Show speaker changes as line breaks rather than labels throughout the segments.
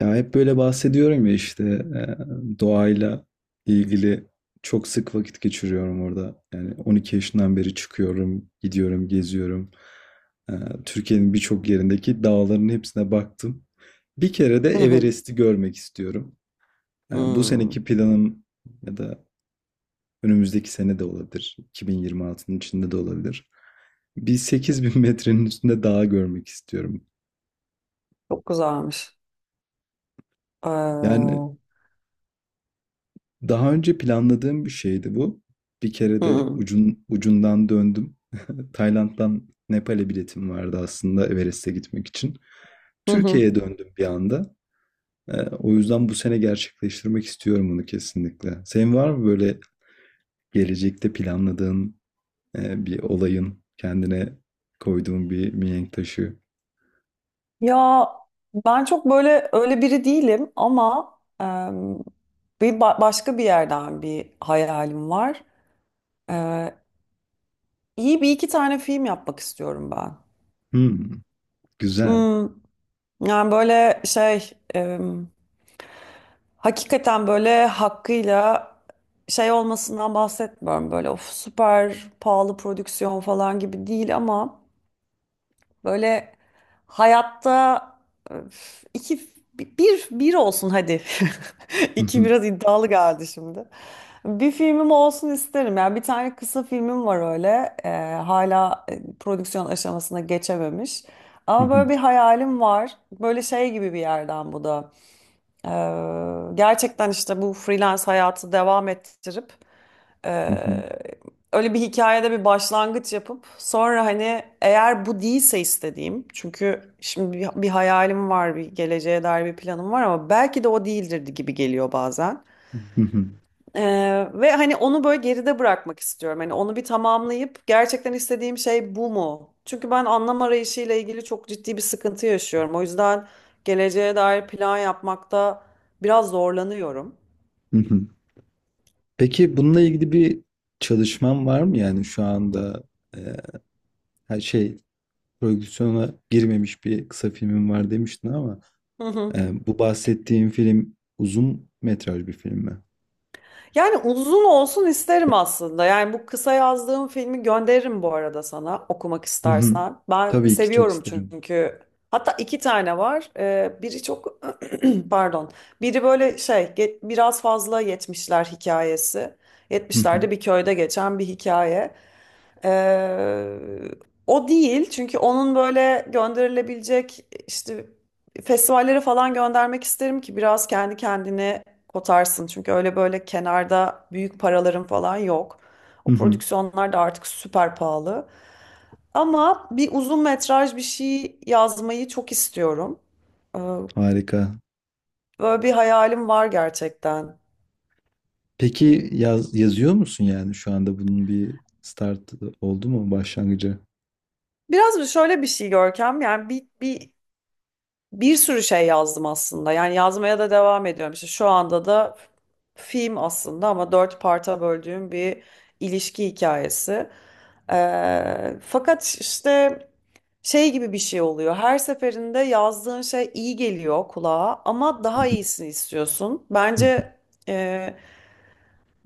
Ya hep böyle bahsediyorum ya işte doğayla ilgili çok sık vakit geçiriyorum orada. Yani 12 yaşından beri çıkıyorum, gidiyorum, geziyorum. E, Türkiye'nin birçok yerindeki dağların hepsine baktım. Bir kere de
Hı hı.
Everest'i görmek istiyorum. Yani bu seneki
Hmm.
planım ya da önümüzdeki sene de olabilir. 2026'nın içinde de olabilir. Bir 8.000 metrenin üstünde dağ görmek istiyorum.
Çok güzelmiş. Ee,
Yani
hı
Daha önce planladığım bir şeydi bu. Bir kere de
hı.
ucundan döndüm. Tayland'dan Nepal'e biletim vardı aslında Everest'e gitmek için.
Hı hı.
Türkiye'ye döndüm bir anda. O yüzden bu sene gerçekleştirmek istiyorum bunu kesinlikle. Senin var mı böyle gelecekte planladığın bir kendine koyduğun bir mihenk taşı?
Ya ben çok böyle öyle biri değilim ama em, bir başka bir yerden bir hayalim var. Ee, iyi bir iki tane film yapmak istiyorum ben.
Hmm, güzel.
Hmm, yani böyle şey hakikaten böyle hakkıyla şey olmasından bahsetmiyorum. Böyle of süper pahalı prodüksiyon falan gibi değil ama. Böyle hayatta öf, iki bir olsun hadi. İki biraz iddialı geldi şimdi. Bir filmim olsun isterim. Yani bir tane kısa filmim var öyle. Hala prodüksiyon aşamasına geçememiş. Ama böyle bir hayalim var. Böyle şey gibi bir yerden bu da. Gerçekten işte bu freelance hayatı devam ettirip ee, öyle bir hikayede bir başlangıç yapıp sonra hani eğer bu değilse istediğim çünkü şimdi bir hayalim var bir geleceğe dair bir planım var ama belki de o değildir gibi geliyor bazen. Ee, ve hani onu böyle geride bırakmak istiyorum. Hani onu bir tamamlayıp gerçekten istediğim şey bu mu? Çünkü ben anlam arayışıyla ilgili çok ciddi bir sıkıntı yaşıyorum. O yüzden geleceğe dair plan yapmakta biraz zorlanıyorum.
Peki bununla ilgili bir çalışman var mı? Yani şu anda e, her şey prodüksiyona girmemiş bir kısa filmin var demiştin ama bu bahsettiğin film uzun metraj bir film mi?
Yani uzun olsun isterim aslında. Yani bu kısa yazdığım filmi gönderirim bu arada sana okumak
Hı hı.
istersen. Ben
Tabii ki çok
seviyorum
isterim.
çünkü. Hatta iki tane var. Biri çok pardon. Biri böyle şey biraz fazla yetmişler hikayesi.
Hı hı.
Yetmişlerde bir köyde geçen bir hikaye. Ee, o değil çünkü onun böyle gönderilebilecek işte festivallere falan göndermek isterim ki biraz kendi kendini kotarsın. Çünkü öyle böyle kenarda büyük paraların falan yok.
Hı
O
hı.
prodüksiyonlar da artık süper pahalı. Ama bir uzun metraj bir şey yazmayı çok istiyorum. Ee,
Harika.
Böyle bir hayalim var gerçekten.
Peki yazıyor musun yani şu anda bunun bir start oldu mu başlangıcı?
Biraz şöyle bir şey Görkem, yani bir sürü şey yazdım aslında. Yani yazmaya da devam ediyorum. İşte şu anda da film aslında ama dört parta böldüğüm bir ilişki hikayesi. Fakat işte şey gibi bir şey oluyor. Her seferinde yazdığın şey iyi geliyor kulağa ama
Hı
daha
hı.
iyisini istiyorsun.
Hı hı.
Bence e,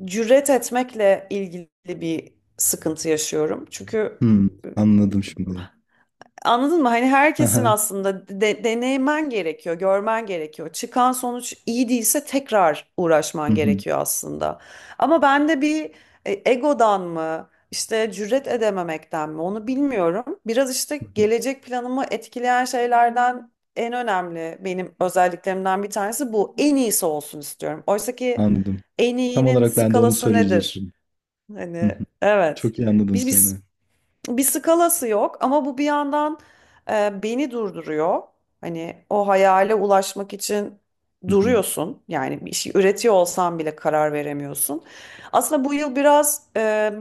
cüret etmekle ilgili bir sıkıntı yaşıyorum. Çünkü.
Hmm, anladım şimdi.
Anladın mı? Hani herkesin
Aha.
aslında deneymen gerekiyor, görmen gerekiyor. Çıkan sonuç iyi değilse tekrar
Hı
uğraşman
hı.
gerekiyor aslında. Ama bende bir egodan mı, işte cüret edememekten mi onu bilmiyorum. Biraz
Hı
işte
hı.
gelecek planımı etkileyen şeylerden en önemli benim özelliklerimden bir tanesi bu. En iyisi olsun istiyorum. Oysa ki
Anladım.
en
Tam
iyinin
olarak ben de onu
skalası nedir?
söyleyecektim. Hı
Hani
hı.
evet.
Çok iyi anladım
Biz,
seni.
biz bir skalası yok ama bu bir yandan beni durduruyor. Hani o hayale ulaşmak için
Hı hı.
duruyorsun. Yani bir şey üretiyor olsan bile karar veremiyorsun. Aslında bu yıl biraz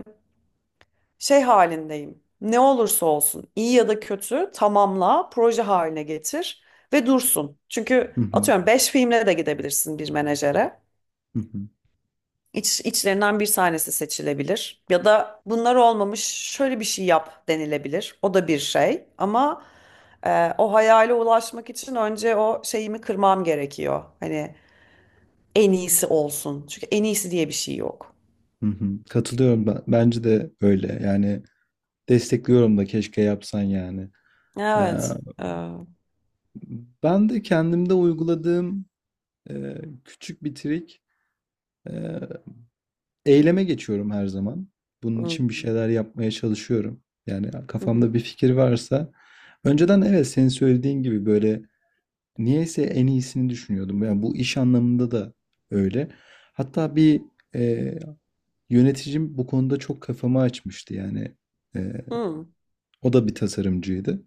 şey halindeyim. Ne olursa olsun, iyi ya da kötü tamamla, proje haline getir ve dursun. Çünkü
Hı hı.
atıyorum 5 filmle de gidebilirsin bir menajere.
Hı hı.
İç, içlerinden bir tanesi seçilebilir. Ya da bunlar olmamış şöyle bir şey yap denilebilir. O da bir şey. Ama o hayale ulaşmak için önce o şeyimi kırmam gerekiyor. Hani en iyisi olsun. Çünkü en iyisi diye bir şey yok.
Hı hı. Katılıyorum ben. Bence de öyle. Yani destekliyorum da keşke yapsan yani. Eee,
Evet. Hmm.
Ben de kendimde uyguladığım küçük bir trik. eee, Eyleme geçiyorum her zaman. Bunun için bir şeyler yapmaya çalışıyorum. Yani
Hı,
kafamda bir fikir varsa önceden evet senin söylediğin gibi böyle niyeyse en iyisini düşünüyordum. Yani bu iş anlamında da öyle. Hatta e, yöneticim bu konuda çok kafamı açmıştı yani. Ee,
hı. Hmm.
O da bir tasarımcıydı.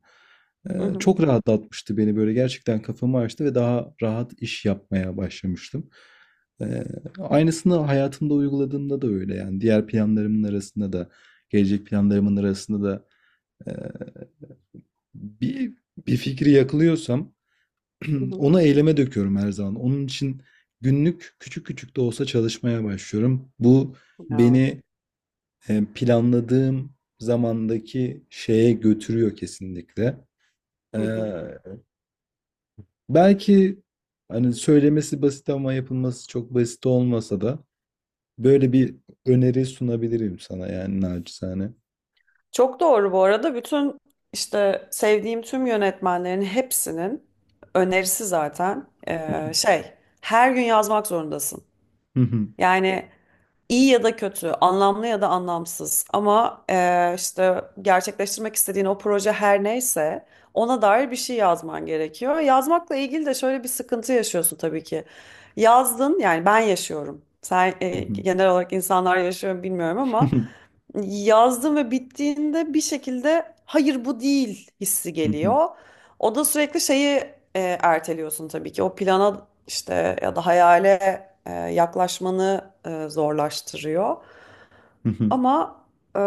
Hı, hı,
Çok rahatlatmıştı beni böyle gerçekten kafamı açtı ve daha rahat iş yapmaya başlamıştım. Ee, Aynısını hayatımda uyguladığımda da öyle yani diğer planlarımın arasında da gelecek planlarımın arasında da e, bir bir fikri yakalıyorsam
hı,
onu eyleme döküyorum her zaman. Onun için günlük küçük küçük de olsa çalışmaya başlıyorum. Bu
hı,
beni planladığım zamandaki şeye götürüyor kesinlikle. Ee,
hı. Evet.
Belki hani söylemesi basit ama yapılması çok basit olmasa da böyle bir öneri sunabilirim sana yani naçizane.
Çok doğru bu arada. Bütün işte sevdiğim tüm yönetmenlerin hepsinin önerisi zaten şey, her gün yazmak zorundasın. Yani İyi ya da kötü, anlamlı ya da anlamsız ama işte gerçekleştirmek istediğin o proje her neyse ona dair bir şey yazman gerekiyor. Yazmakla ilgili de şöyle bir sıkıntı yaşıyorsun tabii ki. Yazdın yani ben yaşıyorum. Sen genel olarak insanlar yaşıyor mu bilmiyorum ama yazdın ve bittiğinde bir şekilde hayır bu değil hissi geliyor. O da sürekli şeyi erteliyorsun tabii ki, o plana işte ya da hayale yaklaşmanı zorlaştırıyor. Ama e,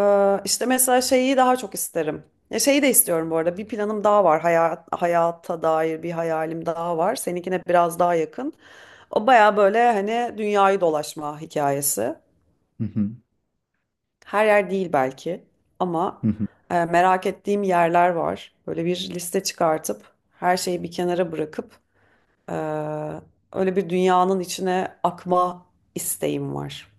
işte mesela şeyi daha çok isterim. Ya şeyi de istiyorum bu arada. Bir planım daha var. Hayata dair bir hayalim daha var. Seninkine biraz daha yakın. O baya böyle hani dünyayı dolaşma hikayesi. Her yer değil belki ama merak ettiğim yerler var. Böyle bir liste çıkartıp her şeyi bir kenara bırakıp e, öyle bir dünyanın içine akma isteğim var.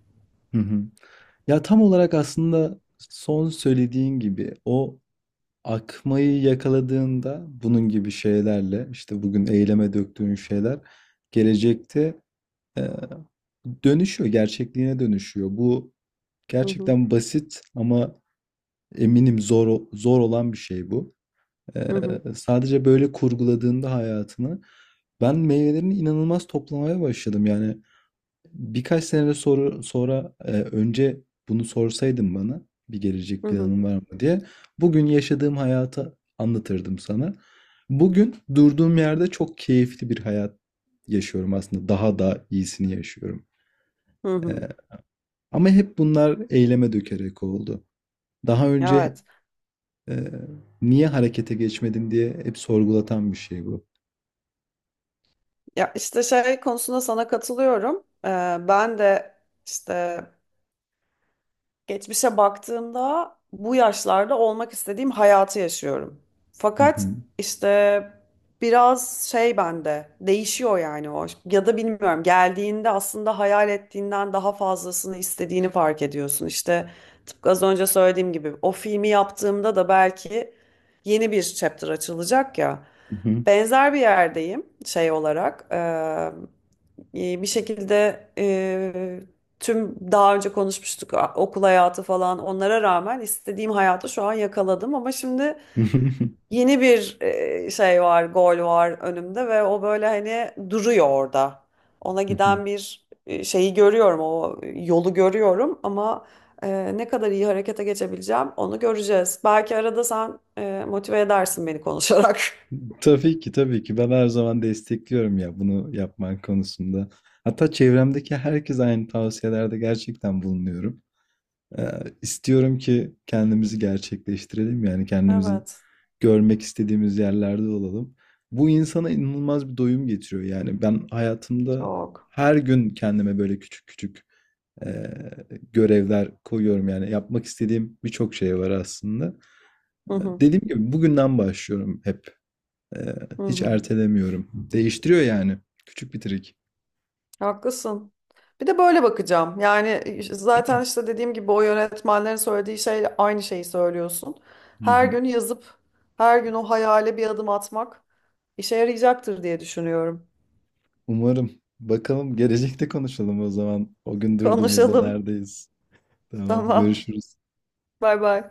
Ya tam olarak aslında son söylediğin gibi o akmayı yakaladığında bunun gibi şeylerle işte bugün eyleme döktüğün şeyler gelecekte Ee, dönüşüyor, gerçekliğine dönüşüyor. Bu
Hı hı.
gerçekten basit ama eminim zor olan bir şey bu. Ee,
Hı hı.
Sadece böyle kurguladığında hayatını ben meyvelerini inanılmaz toplamaya başladım. Yani birkaç sene sonra önce bunu sorsaydın bana bir gelecek
Hı hı.
planın var mı diye bugün yaşadığım hayatı anlatırdım sana. Bugün durduğum yerde çok keyifli bir hayat yaşıyorum aslında. Daha da iyisini yaşıyorum.
Hı hı.
Ama hep bunlar eyleme dökerek oldu. Daha önce
Evet.
e, niye harekete geçmedim diye hep sorgulatan bir şey bu.
Ya işte şey konusunda sana katılıyorum. Ben de işte geçmişe baktığımda bu yaşlarda olmak istediğim hayatı yaşıyorum.
Hı
Fakat
hı.
işte biraz şey bende değişiyor, yani o ya da bilmiyorum, geldiğinde aslında hayal ettiğinden daha fazlasını istediğini fark ediyorsun. İşte tıpkı az önce söylediğim gibi, o filmi yaptığımda da belki yeni bir chapter açılacak ya.
Hı hı.
Benzer bir yerdeyim şey olarak. Bir şekilde tüm daha önce konuşmuştuk, okul hayatı falan, onlara rağmen istediğim hayatı şu an yakaladım ama şimdi
Hı hı.
yeni bir şey var, gol var önümde ve o böyle hani duruyor orada. Ona
Hı hı.
giden bir şeyi görüyorum, o yolu görüyorum ama ne kadar iyi harekete geçebileceğim onu göreceğiz. Belki arada sen motive edersin beni konuşarak.
Tabii ki, tabii ki ben her zaman destekliyorum ya bunu yapman konusunda. Hatta çevremdeki herkes aynı tavsiyelerde gerçekten bulunuyorum. İstiyorum ki kendimizi gerçekleştirelim. Yani kendimizi
Evet,
görmek istediğimiz yerlerde olalım. Bu insana inanılmaz bir doyum getiriyor. Yani ben hayatımda
çok.
her gün kendime böyle küçük küçük eee, görevler koyuyorum. Yani yapmak istediğim birçok şey var aslında.
Hı hı.
Dediğim gibi bugünden başlıyorum hep. Eee,
Hı
Hiç
hı.
ertelemiyorum. Değiştiriyor yani. Küçük bir trik.
Haklısın. Bir de böyle bakacağım. Yani zaten işte dediğim gibi, o yönetmenlerin söylediği şeyle aynı şeyi söylüyorsun.
Hı
Her
hı.
gün yazıp her gün o hayale bir adım atmak işe yarayacaktır diye düşünüyorum.
Umarım. Bakalım gelecekte konuşalım o zaman. O gün durduğumuzda
Konuşalım.
neredeyiz? Tamam,
Tamam.
görüşürüz.
Bay bay.